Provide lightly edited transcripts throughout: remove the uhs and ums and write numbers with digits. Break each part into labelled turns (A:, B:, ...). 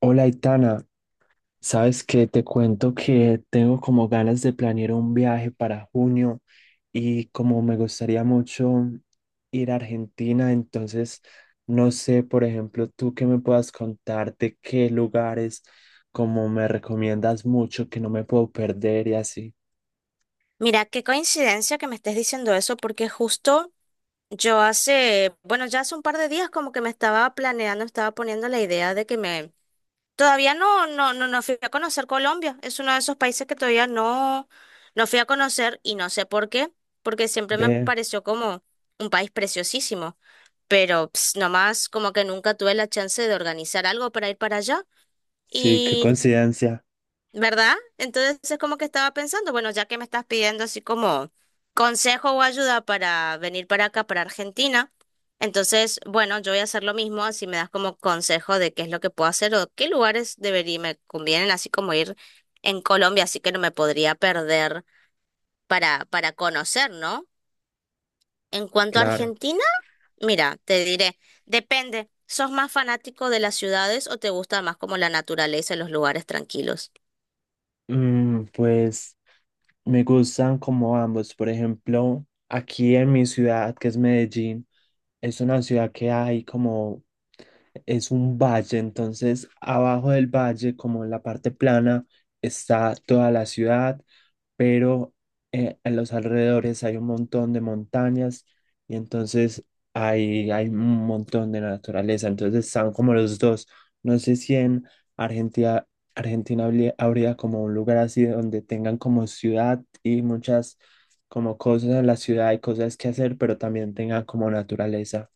A: Hola, Itana. Sabes que te cuento que tengo como ganas de planear un viaje para junio y como me gustaría mucho ir a Argentina, entonces no sé, por ejemplo, tú que me puedas contar de qué lugares como me recomiendas mucho que no me puedo perder y así.
B: Mira, qué coincidencia que me estés diciendo eso, porque justo yo hace, bueno, ya hace un par de días como que me estaba planeando, estaba poniendo la idea de que me, todavía no fui a conocer Colombia, es uno de esos países que todavía no, no fui a conocer y no sé por qué, porque siempre me
A: Ve,
B: pareció como un país preciosísimo, pero ps, nomás como que nunca tuve la chance de organizar algo para ir para allá.
A: sí, qué
B: Y
A: coincidencia.
B: ¿verdad? Entonces es como que estaba pensando, bueno, ya que me estás pidiendo así como consejo o ayuda para venir para acá, para Argentina, entonces, bueno, yo voy a hacer lo mismo, así me das como consejo de qué es lo que puedo hacer o qué lugares debería, me convienen, así como ir en Colombia, así que no me podría perder para conocer, ¿no? En cuanto a
A: Claro.
B: Argentina, mira, te diré, depende, ¿sos más fanático de las ciudades o te gusta más como la naturaleza y los lugares tranquilos?
A: Pues me gustan como ambos. Por ejemplo, aquí en mi ciudad, que es Medellín. Es una ciudad que hay como, es un valle, entonces abajo del valle, como en la parte plana, está toda la ciudad, pero en los alrededores hay un montón de montañas y entonces hay un montón de naturaleza, entonces están como los dos. No sé si en Argentina, Argentina habría como un lugar así donde tengan como ciudad y muchas como cosas en la ciudad y cosas que hacer, pero también tengan como naturaleza.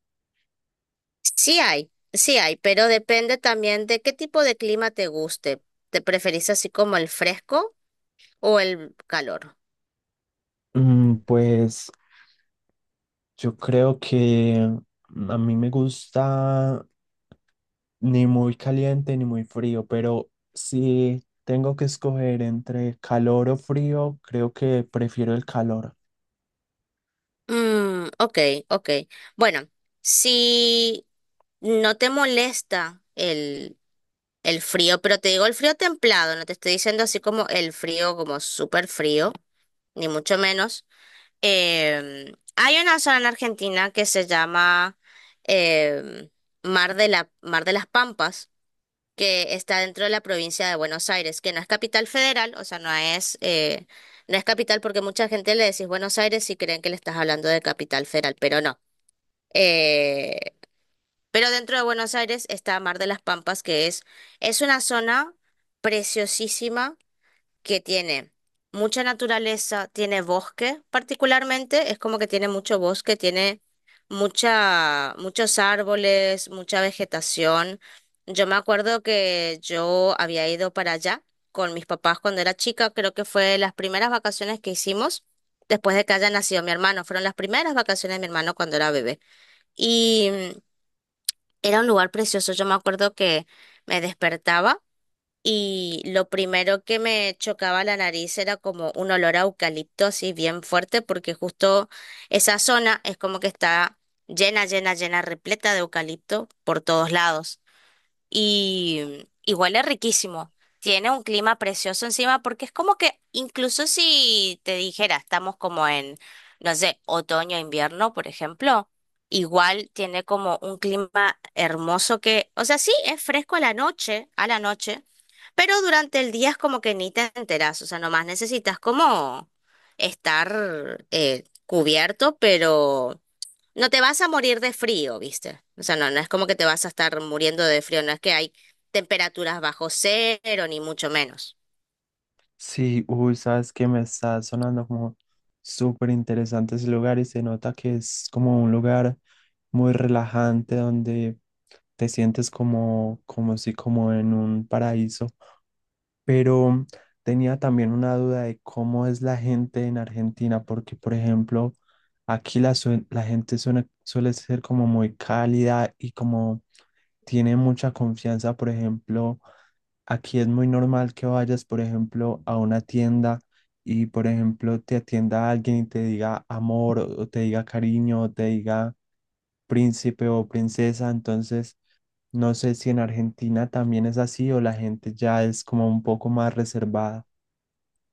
B: Sí hay, pero depende también de qué tipo de clima te guste. ¿Te preferís así como el fresco o el calor?
A: Pues yo creo que a mí me gusta ni muy caliente ni muy frío, pero si tengo que escoger entre calor o frío, creo que prefiero el calor.
B: Mm, ok, ok. Bueno, si no te molesta el frío, pero te digo el frío templado, no te estoy diciendo así como el frío, como súper frío, ni mucho menos. Hay una zona en Argentina que se llama em, Mar de la, Mar de las Pampas que está dentro de la provincia de Buenos Aires, que no es capital federal, o sea, no es, no es capital porque mucha gente le decís Buenos Aires y creen que le estás hablando de capital federal, pero no. Eh, pero dentro de Buenos Aires está Mar de las Pampas, que es una zona preciosísima que tiene mucha naturaleza, tiene bosque particularmente, es como que tiene mucho bosque, tiene mucha, muchos árboles, mucha vegetación. Yo me acuerdo que yo había ido para allá con mis papás cuando era chica, creo que fue las primeras vacaciones que hicimos después de que haya nacido mi hermano, fueron las primeras vacaciones de mi hermano cuando era bebé. Y era un lugar precioso, yo me acuerdo que me despertaba. Y lo primero que me chocaba la nariz era como un olor a eucalipto así bien fuerte, porque justo esa zona es como que está llena, llena, llena, repleta de eucalipto por todos lados y huele riquísimo. Tiene un clima precioso encima porque es como que incluso si te dijera, estamos como en, no sé, otoño, invierno, por ejemplo, igual tiene como un clima hermoso que, o sea, sí, es fresco a la noche, pero durante el día es como que ni te enteras, o sea, nomás necesitas como estar cubierto, pero no te vas a morir de frío, ¿viste? O sea, no, no es como que te vas a estar muriendo de frío, no es que hay temperaturas bajo cero, ni mucho menos.
A: Sí, uy, sabes que me está sonando como súper interesante ese lugar y se nota que es como un lugar muy relajante donde te sientes como, como si como en un paraíso. Pero tenía también una duda de cómo es la gente en Argentina, porque por ejemplo, aquí la gente suele ser como muy cálida y como tiene mucha confianza, por ejemplo, aquí es muy normal que vayas, por ejemplo, a una tienda y, por ejemplo, te atienda alguien y te diga amor o te diga cariño o te diga príncipe o princesa, entonces. No sé si en Argentina también es así o la gente ya es como un poco más reservada.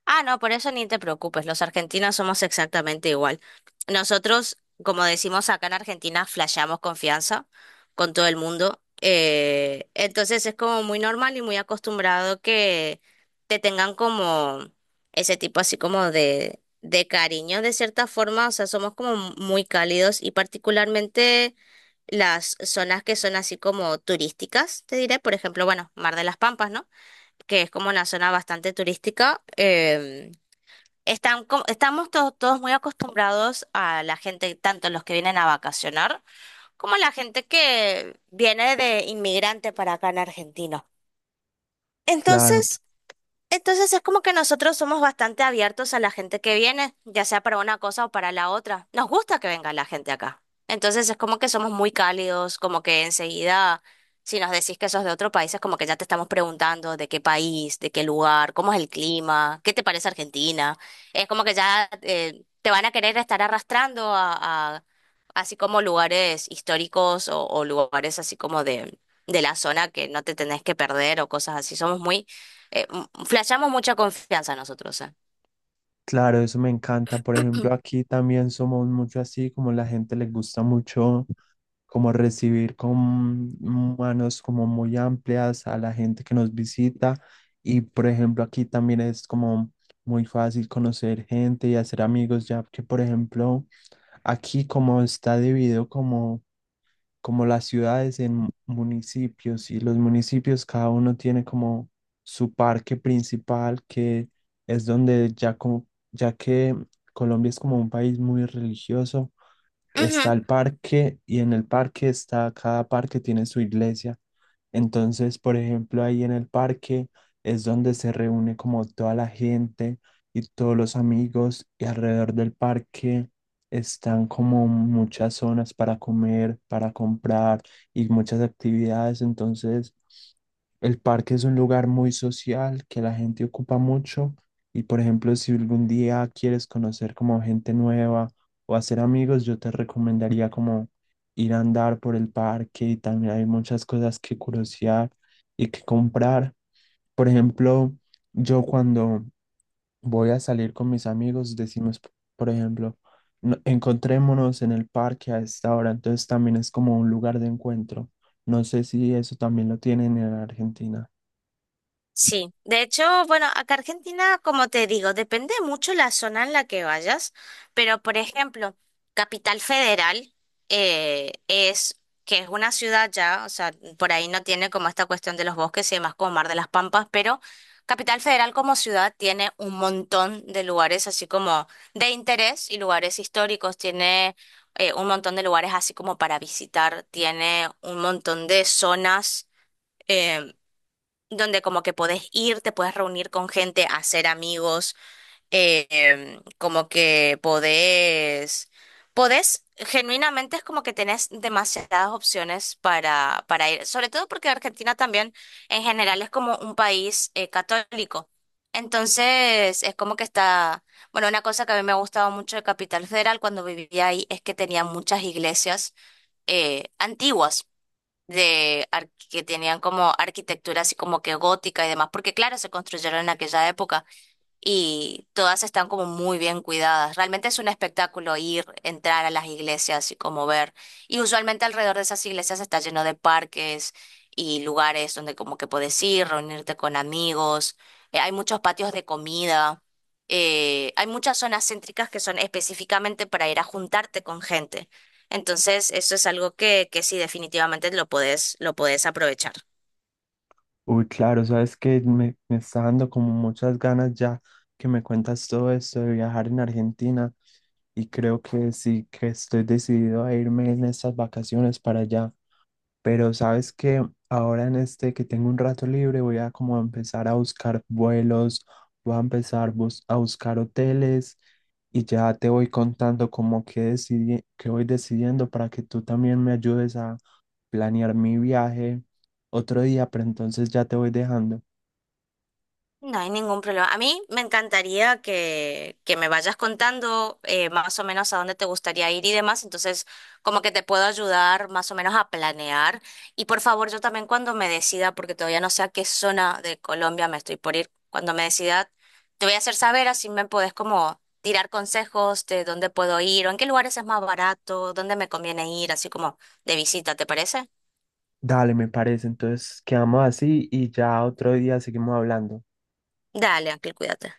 B: Ah, no, por eso ni te preocupes, los argentinos somos exactamente igual. Nosotros, como decimos acá en Argentina, flasheamos confianza con todo el mundo. Entonces es como muy normal y muy acostumbrado que te tengan como ese tipo así como de cariño de cierta forma, o sea, somos como muy cálidos y particularmente las zonas que son así como turísticas, te diré, por ejemplo, bueno, Mar de las Pampas, ¿no? Que es como una zona bastante turística, están, estamos todos muy acostumbrados a la gente, tanto los que vienen a vacacionar como la gente que viene de inmigrante para acá en Argentina.
A: Claro,
B: Entonces, entonces, es como que nosotros somos bastante abiertos a la gente que viene, ya sea para una cosa o para la otra. Nos gusta que venga la gente acá. Entonces es como que somos muy cálidos, como que enseguida, si nos decís que sos de otro país, es como que ya te estamos preguntando de qué país, de qué lugar, cómo es el clima, qué te parece Argentina. Es como que ya te van a querer estar arrastrando así como lugares históricos o lugares así como de la zona que no te tenés que perder o cosas así. Somos muy flashamos mucha confianza nosotros, ¿eh?
A: claro, eso me encanta. Por ejemplo, aquí también somos mucho así, como la gente le gusta mucho como recibir con manos como muy amplias a la gente que nos visita. Y por ejemplo, aquí también es como muy fácil conocer gente y hacer amigos, ya que por ejemplo, aquí como está dividido como las ciudades en municipios y los municipios cada uno tiene como su parque principal que es donde ya como ya que Colombia es como un país muy religioso,
B: Ujú.
A: está el parque y en el parque está cada parque tiene su iglesia. Entonces, por ejemplo, ahí en el parque es donde se reúne como toda la gente y todos los amigos y alrededor del parque están como muchas zonas para comer, para comprar y muchas actividades. Entonces, el parque es un lugar muy social que la gente ocupa mucho y, por ejemplo, si algún día quieres conocer como gente nueva o hacer amigos, yo te recomendaría como ir a andar por el parque y también hay muchas cosas que curiosear y que comprar. Por ejemplo, yo cuando voy a salir con mis amigos, decimos, por ejemplo, encontrémonos en el parque a esta hora", entonces también es como un lugar de encuentro. No sé si eso también lo tienen en Argentina.
B: Sí, de hecho, bueno, acá Argentina, como te digo, depende mucho la zona en la que vayas, pero por ejemplo, Capital Federal es que es una ciudad ya, o sea, por ahí no tiene como esta cuestión de los bosques y demás como Mar de las Pampas, pero Capital Federal como ciudad tiene un montón de lugares así como de interés y lugares históricos, tiene un montón de lugares así como para visitar, tiene un montón de zonas eh, donde como que podés ir, te puedes reunir con gente, hacer amigos, como que podés, genuinamente es como que tenés demasiadas opciones para ir, sobre todo porque Argentina también en general es como un país católico. Entonces es como que está, bueno, una cosa que a mí me ha gustado mucho de Capital Federal cuando vivía ahí es que tenía muchas iglesias antiguas que tenían como arquitectura así como que gótica y demás, porque claro, se construyeron en aquella época y todas están como muy bien cuidadas. Realmente es un espectáculo ir, entrar a las iglesias y como ver. Y usualmente alrededor de esas iglesias está lleno de parques y lugares donde como que puedes ir, reunirte con amigos. Hay muchos patios de comida. Hay muchas zonas céntricas que son específicamente para ir a juntarte con gente. Entonces, eso es algo que sí, definitivamente lo podés aprovechar.
A: Uy, claro, sabes que me está dando como muchas ganas ya que me cuentas todo esto de viajar en Argentina. Y creo que sí que estoy decidido a irme en estas vacaciones para allá. Pero sabes que ahora en este que tengo un rato libre voy a como empezar a buscar vuelos, voy a empezar a buscar hoteles y ya te voy contando como que decidí, que voy decidiendo para que tú también me ayudes a planear mi viaje otro día, pero entonces ya te voy dejando.
B: No hay ningún problema. A mí me encantaría que me vayas contando más o menos a dónde te gustaría ir y demás. Entonces, como que te puedo ayudar más o menos a planear. Y por favor, yo también cuando me decida, porque todavía no sé a qué zona de Colombia me estoy por ir, cuando me decida, te voy a hacer saber, así me podés como tirar consejos de dónde puedo ir o en qué lugares es más barato, dónde me conviene ir, así como de visita, ¿te parece?
A: Dale, me parece. Entonces quedamos así y ya otro día seguimos hablando.
B: Dale, Ángel, cuídate.